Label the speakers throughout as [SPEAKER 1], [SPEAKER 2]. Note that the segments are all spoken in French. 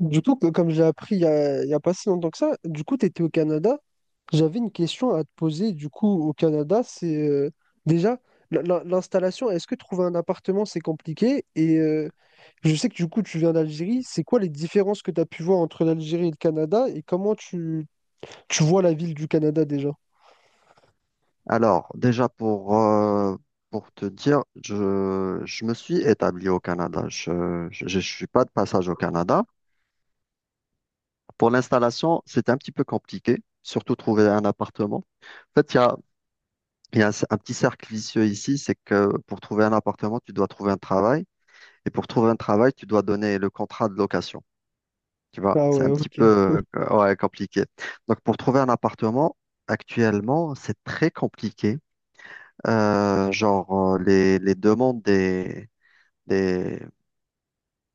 [SPEAKER 1] Du coup, comme j'ai appris il y a pas si longtemps que ça, du coup, tu étais au Canada. J'avais une question à te poser. Du coup, au Canada, c'est déjà l'installation. Est-ce que trouver un appartement, c'est compliqué? Et je sais que du coup, tu viens d'Algérie. C'est quoi les différences que tu as pu voir entre l'Algérie et le Canada? Et comment tu vois la ville du Canada déjà?
[SPEAKER 2] Alors, déjà pour te dire, je me suis établi au Canada. Je ne suis pas de passage au Canada. Pour l'installation, c'était un petit peu compliqué, surtout trouver un appartement. En fait, il y a un petit cercle vicieux ici, c'est que pour trouver un appartement, tu dois trouver un travail. Et pour trouver un travail, tu dois donner le contrat de location. Tu vois,
[SPEAKER 1] Ah
[SPEAKER 2] c'est
[SPEAKER 1] ouais,
[SPEAKER 2] un petit
[SPEAKER 1] ok.
[SPEAKER 2] peu ouais, compliqué. Donc, pour trouver un appartement, actuellement, c'est très compliqué. Genre, les demandes des,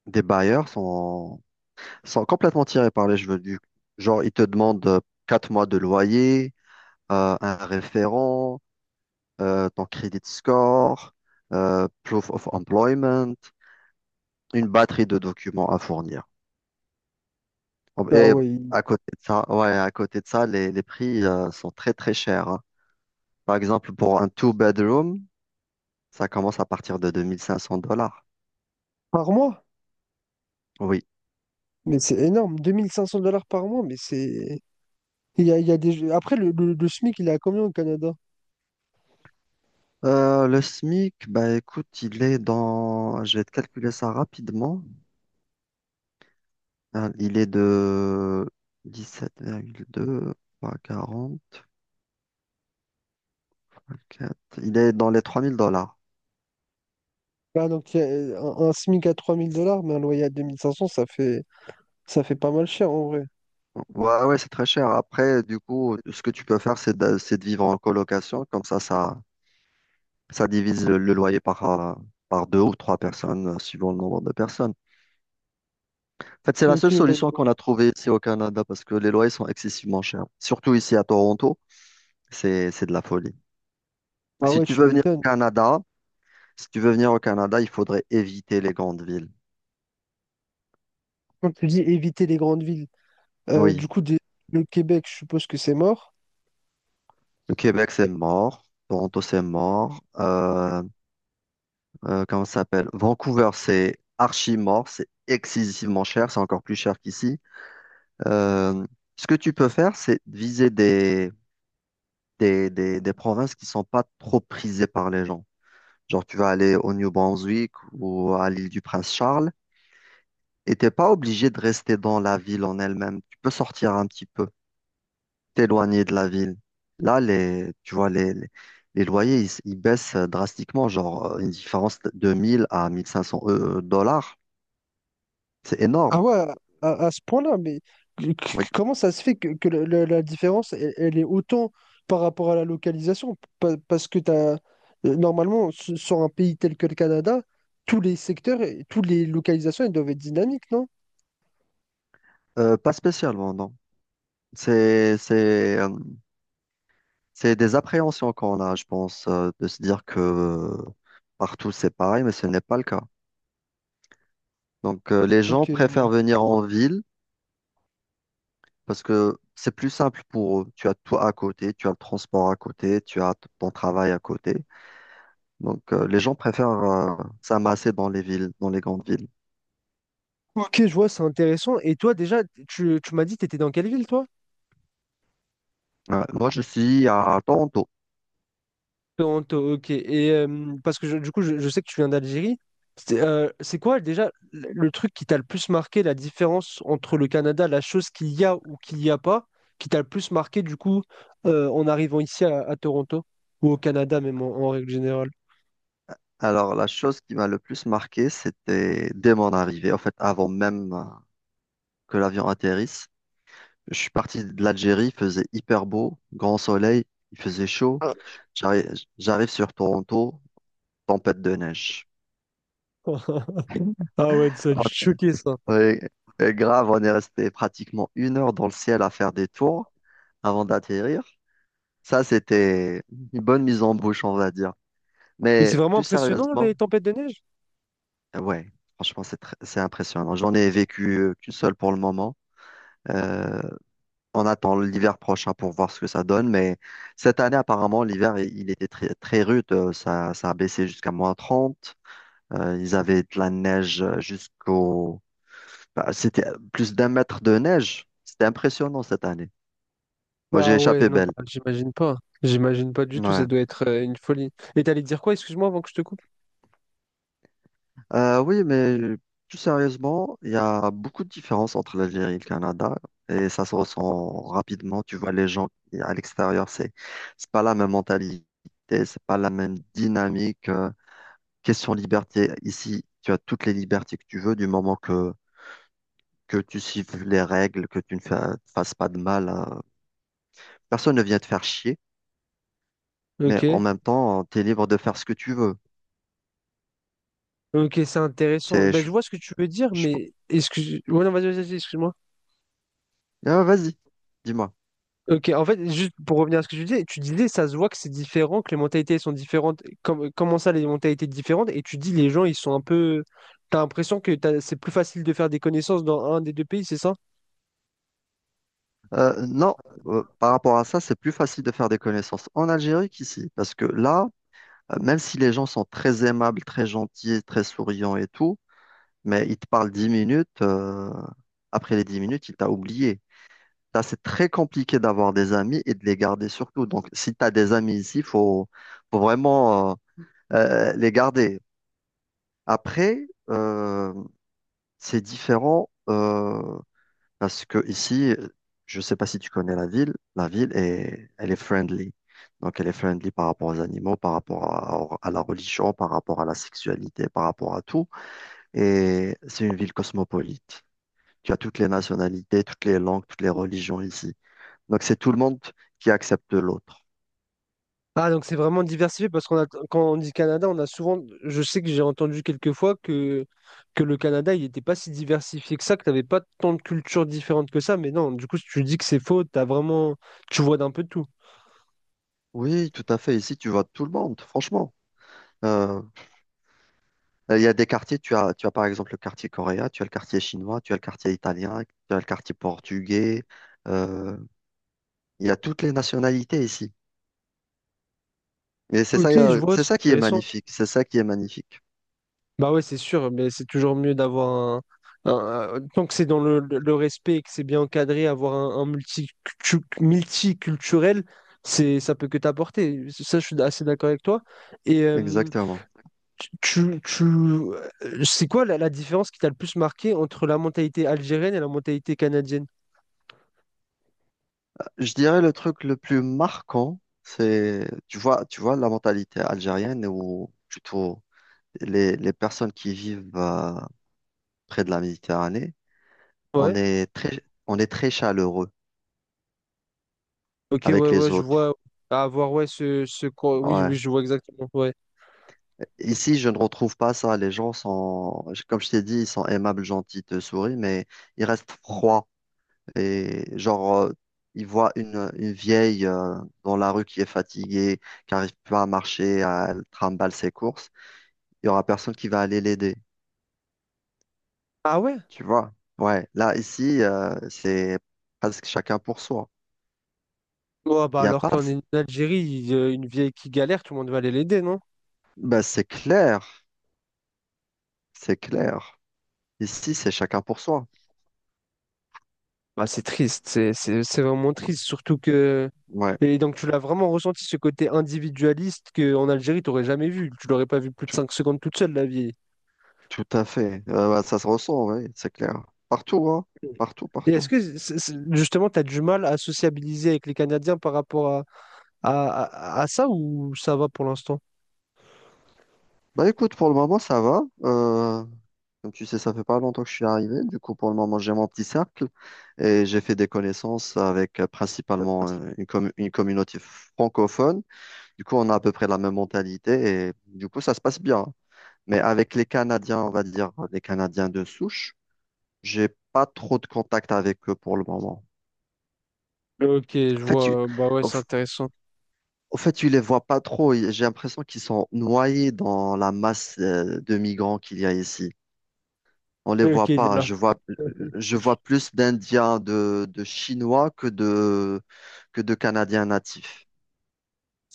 [SPEAKER 2] des bailleurs sont complètement tirées par les cheveux. Genre, ils te demandent 4 mois de loyer, un référent, ton credit score, proof of employment, une batterie de documents à fournir.
[SPEAKER 1] Ah
[SPEAKER 2] Et
[SPEAKER 1] ouais,
[SPEAKER 2] à côté de ça, ouais, à côté de ça, les prix, sont très, très chers, hein. Par exemple, pour un two-bedroom, ça commence à partir de 2500 dollars.
[SPEAKER 1] par mois?
[SPEAKER 2] Oui.
[SPEAKER 1] Mais c'est énorme. 2500 dollars par mois, mais c'est. Il y a des... Après, le SMIC, il est à combien au Canada?
[SPEAKER 2] Le SMIC, bah écoute, il est dans, je vais te calculer ça rapidement. Il est de 17,2 fois 40, fois 4. Il est dans les 3000 dollars.
[SPEAKER 1] Ah, donc, il y a un SMIC à 3000 dollars, mais un loyer à 2500 ça fait pas mal cher en vrai.
[SPEAKER 2] Ouais, ouais, c'est très cher. Après, du coup, ce que tu peux faire, c'est de vivre en colocation. Comme ça, ça divise le loyer par deux ou trois personnes, suivant le nombre de personnes. En fait, c'est la
[SPEAKER 1] Ok,
[SPEAKER 2] seule
[SPEAKER 1] ouais, je
[SPEAKER 2] solution
[SPEAKER 1] vois.
[SPEAKER 2] qu'on a trouvée ici au Canada parce que les loyers sont excessivement chers. Surtout ici à Toronto, c'est de la folie.
[SPEAKER 1] Ah
[SPEAKER 2] Si
[SPEAKER 1] ouais,
[SPEAKER 2] tu
[SPEAKER 1] tu
[SPEAKER 2] veux venir au
[SPEAKER 1] m'étonnes.
[SPEAKER 2] Canada, si tu veux venir au Canada, il faudrait éviter les grandes villes.
[SPEAKER 1] Quand tu dis éviter les grandes villes, du
[SPEAKER 2] Oui,
[SPEAKER 1] coup, le Québec, je suppose que c'est mort.
[SPEAKER 2] le Québec, c'est mort. Toronto, c'est mort. Comment ça s'appelle? Vancouver, c'est archi mort. C'est excessivement cher. C'est encore plus cher qu'ici. Euh, Ce que tu peux faire, c'est viser des provinces qui sont pas trop prisées par les gens. Genre, tu vas aller au New Brunswick ou à l'île du Prince-Charles et t'es pas obligé de rester dans la ville en elle-même. Tu peux sortir un petit peu, t'éloigner de la ville. Là, tu vois, les loyers, ils baissent drastiquement, genre une différence de 1 000 à 1 500 dollars. C'est énorme,
[SPEAKER 1] Ah ouais, à ce point-là, mais
[SPEAKER 2] oui.
[SPEAKER 1] comment ça se fait que la différence, elle est autant par rapport à la localisation? Parce que t'as, normalement, sur un pays tel que le Canada, tous les secteurs, et toutes les localisations, elles doivent être dynamiques, non?
[SPEAKER 2] Pas spécialement, non. C'est, c'est, euh, c'est des appréhensions qu'on a, je pense, de se dire que partout c'est pareil, mais ce n'est pas le cas. Donc, les gens
[SPEAKER 1] Ok, je vois.
[SPEAKER 2] préfèrent venir en ville parce que c'est plus simple pour eux. Tu as toi à côté, tu as le transport à côté, tu as ton travail à côté. Donc, les gens préfèrent s'amasser dans les villes, dans les grandes villes.
[SPEAKER 1] Ok, je vois, c'est intéressant. Et toi, déjà, tu m'as dit, t'étais dans quelle ville, toi?
[SPEAKER 2] Ouais. Moi, je suis à Toronto.
[SPEAKER 1] Toronto, ok. Et parce que du coup, je sais que tu viens d'Algérie. C'est quoi, déjà, le truc qui t'a le plus marqué, la différence entre le Canada, la chose qu'il y a ou qu'il n'y a pas, qui t'a le plus marqué, du coup, en arrivant ici à Toronto, ou au Canada, même en règle générale?
[SPEAKER 2] Alors, la chose qui m'a le plus marqué, c'était dès mon arrivée, en fait, avant même que l'avion atterrisse. Je suis parti de l'Algérie, il faisait hyper beau, grand soleil, il faisait chaud. J'arrive, j'arrive sur Toronto, tempête de neige.
[SPEAKER 1] Ah ouais, ça a dû te choquer, ça.
[SPEAKER 2] Ouais, et grave, on est resté pratiquement 1 heure dans le ciel à faire des tours avant d'atterrir. Ça, c'était une bonne mise en bouche, on va dire.
[SPEAKER 1] Mais
[SPEAKER 2] Mais
[SPEAKER 1] c'est vraiment
[SPEAKER 2] plus
[SPEAKER 1] impressionnant,
[SPEAKER 2] sérieusement,
[SPEAKER 1] les tempêtes de neige?
[SPEAKER 2] ouais, franchement, c'est impressionnant. J'en ai vécu qu'une seule pour le moment. Euh, on attend l'hiver prochain pour voir ce que ça donne. Mais cette année, apparemment, l'hiver, il était très, très rude. Ça a baissé jusqu'à -30. Ils avaient de la neige. Bah, c'était plus d'1 mètre de neige. C'était impressionnant cette année. Moi, j'ai
[SPEAKER 1] Ah ouais,
[SPEAKER 2] échappé
[SPEAKER 1] non,
[SPEAKER 2] belle.
[SPEAKER 1] bah, j'imagine pas. J'imagine pas du tout, ça
[SPEAKER 2] Ouais.
[SPEAKER 1] doit être une folie. Et t'allais dire quoi, excuse-moi, avant que je te coupe?
[SPEAKER 2] Oui, mais plus sérieusement, il y a beaucoup de différences entre l'Algérie et le Canada et ça se ressent rapidement. Tu vois, les gens à l'extérieur, c'est pas la même mentalité, c'est pas la même dynamique. Question liberté, ici, tu as toutes les libertés que tu veux du moment que tu suives les règles, que tu ne fasses pas de mal. Personne ne vient te faire chier, mais
[SPEAKER 1] Ok.
[SPEAKER 2] en même temps, tu es libre de faire ce que tu veux.
[SPEAKER 1] Ok, c'est intéressant.
[SPEAKER 2] C'est,
[SPEAKER 1] Bah,
[SPEAKER 2] je-
[SPEAKER 1] je vois ce que tu veux dire,
[SPEAKER 2] je-
[SPEAKER 1] mais excuse... Ouais, non, vas-y, vas-y, vas-y, excuse-moi.
[SPEAKER 2] vas-y, dis-moi.
[SPEAKER 1] Ok, en fait, juste pour revenir à ce que tu disais, ça se voit que c'est différent, que les mentalités sont différentes. Comment ça, les mentalités différentes? Et tu dis, les gens, ils sont un peu... T'as l'impression que c'est plus facile de faire des connaissances dans un des deux pays, c'est ça?
[SPEAKER 2] Non, par rapport à ça, c'est plus facile de faire des connaissances en Algérie qu'ici, parce que là, même si les gens sont très aimables, très gentils, très souriants et tout, mais ils te parlent 10 minutes, après les 10 minutes, ils t'ont oublié. Là, c'est très compliqué d'avoir des amis et de les garder surtout. Donc, si tu as des amis ici, il faut vraiment les garder. Après, c'est différent. Parce que ici, je ne sais pas si tu connais la ville, elle est friendly. Donc, elle est friendly par rapport aux animaux, par rapport à la religion, par rapport à la sexualité, par rapport à tout. Et c'est une ville cosmopolite. Tu as toutes les nationalités, toutes les langues, toutes les religions ici. Donc, c'est tout le monde qui accepte l'autre.
[SPEAKER 1] Ah, donc c'est vraiment diversifié, parce qu'on a, quand on dit Canada, on a souvent... Je sais que j'ai entendu quelques fois que le Canada, il n'était pas si diversifié que ça, que t'avais pas tant de cultures différentes que ça. Mais non, du coup, si tu dis que c'est faux, t'as vraiment... Tu vois d'un peu tout.
[SPEAKER 2] Oui, tout à fait. Ici, tu vois tout le monde, franchement. Euh, il y a des quartiers, tu as par exemple le quartier coréen, tu as le quartier chinois, tu as le quartier italien, tu as le quartier portugais. euh, Il y a toutes les nationalités ici. Et c'est ça,
[SPEAKER 1] Ok, je
[SPEAKER 2] euh,
[SPEAKER 1] vois,
[SPEAKER 2] c'est
[SPEAKER 1] c'est
[SPEAKER 2] ça qui est
[SPEAKER 1] intéressant.
[SPEAKER 2] magnifique. C'est ça qui est magnifique.
[SPEAKER 1] Bah ouais, c'est sûr, mais c'est toujours mieux d'avoir Tant que c'est dans le respect et que c'est bien encadré, avoir multiculturel, c'est, ça peut que t'apporter. Ça, je suis assez d'accord avec toi. Et
[SPEAKER 2] Exactement.
[SPEAKER 1] tu, c'est quoi la différence qui t'a le plus marqué entre la mentalité algérienne et la mentalité canadienne?
[SPEAKER 2] Je dirais le truc le plus marquant, tu vois la mentalité algérienne ou plutôt les personnes qui vivent près de la Méditerranée. On
[SPEAKER 1] Ouais.
[SPEAKER 2] est très, on est très chaleureux
[SPEAKER 1] Ok, ouais,
[SPEAKER 2] avec
[SPEAKER 1] ouais,
[SPEAKER 2] les
[SPEAKER 1] je vois.
[SPEAKER 2] autres.
[SPEAKER 1] À voir, ouais, Oui,
[SPEAKER 2] Ouais.
[SPEAKER 1] oui, je vois exactement. Ouais.
[SPEAKER 2] Ici, je ne retrouve pas ça. Les gens sont, comme je t'ai dit, ils sont aimables, gentils, te sourient, mais ils restent froids. Et genre, il voit une vieille dans la rue qui est fatiguée, qui n'arrive pas à marcher, elle trimballe ses courses. Il y aura personne qui va aller l'aider.
[SPEAKER 1] Ah ouais?
[SPEAKER 2] Tu vois? Ouais. Là, ici, c'est presque chacun pour soi.
[SPEAKER 1] Ouais, bah
[SPEAKER 2] Il n'y a
[SPEAKER 1] alors
[SPEAKER 2] pas.
[SPEAKER 1] qu'on est en Algérie, il y a une vieille qui galère, tout le monde va aller l'aider, non?
[SPEAKER 2] Ben, c'est clair. C'est clair. Ici, c'est chacun pour soi.
[SPEAKER 1] Bah, c'est triste, c'est vraiment triste, surtout que...
[SPEAKER 2] Ouais.
[SPEAKER 1] Et donc tu l'as vraiment ressenti ce côté individualiste qu'en Algérie, tu n'aurais jamais vu. Tu l'aurais pas vu plus de
[SPEAKER 2] Tout,
[SPEAKER 1] 5 secondes toute seule, la vie.
[SPEAKER 2] tout à fait. Ouais, ça se ressent, oui, c'est clair. Partout, hein. Partout,
[SPEAKER 1] Et est-ce
[SPEAKER 2] partout.
[SPEAKER 1] que justement, tu as du mal à sociabiliser avec les Canadiens par rapport à, à ça ou ça va pour l'instant?
[SPEAKER 2] Bah écoute, pour le moment, ça va. Comme tu sais, ça fait pas longtemps que je suis arrivé. Du coup, pour le moment, j'ai mon petit cercle et j'ai fait des connaissances avec principalement une communauté francophone. Du coup, on a à peu près la même mentalité et du coup, ça se passe bien. Mais avec les Canadiens, on va dire les Canadiens de souche, j'ai pas trop de contact avec eux pour le moment.
[SPEAKER 1] Ok, je
[SPEAKER 2] En fait,
[SPEAKER 1] vois. Bah ouais,
[SPEAKER 2] au
[SPEAKER 1] c'est
[SPEAKER 2] f-
[SPEAKER 1] intéressant.
[SPEAKER 2] au fait, tu les vois pas trop. J'ai l'impression qu'ils sont noyés dans la masse de migrants qu'il y a ici. On les
[SPEAKER 1] Ok,
[SPEAKER 2] voit
[SPEAKER 1] il est
[SPEAKER 2] pas.
[SPEAKER 1] là.
[SPEAKER 2] Je vois plus d'Indiens, de Chinois que de Canadiens natifs.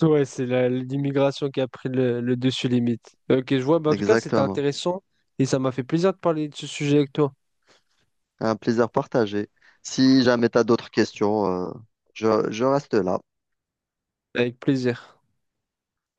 [SPEAKER 1] Ouais, c'est l'immigration qui a pris le dessus limite. Ok, je vois. Bah, en tout cas, c'était
[SPEAKER 2] Exactement.
[SPEAKER 1] intéressant et ça m'a fait plaisir de parler de ce sujet avec toi.
[SPEAKER 2] Un plaisir partagé. Si jamais tu as d'autres questions, je reste là.
[SPEAKER 1] Avec plaisir.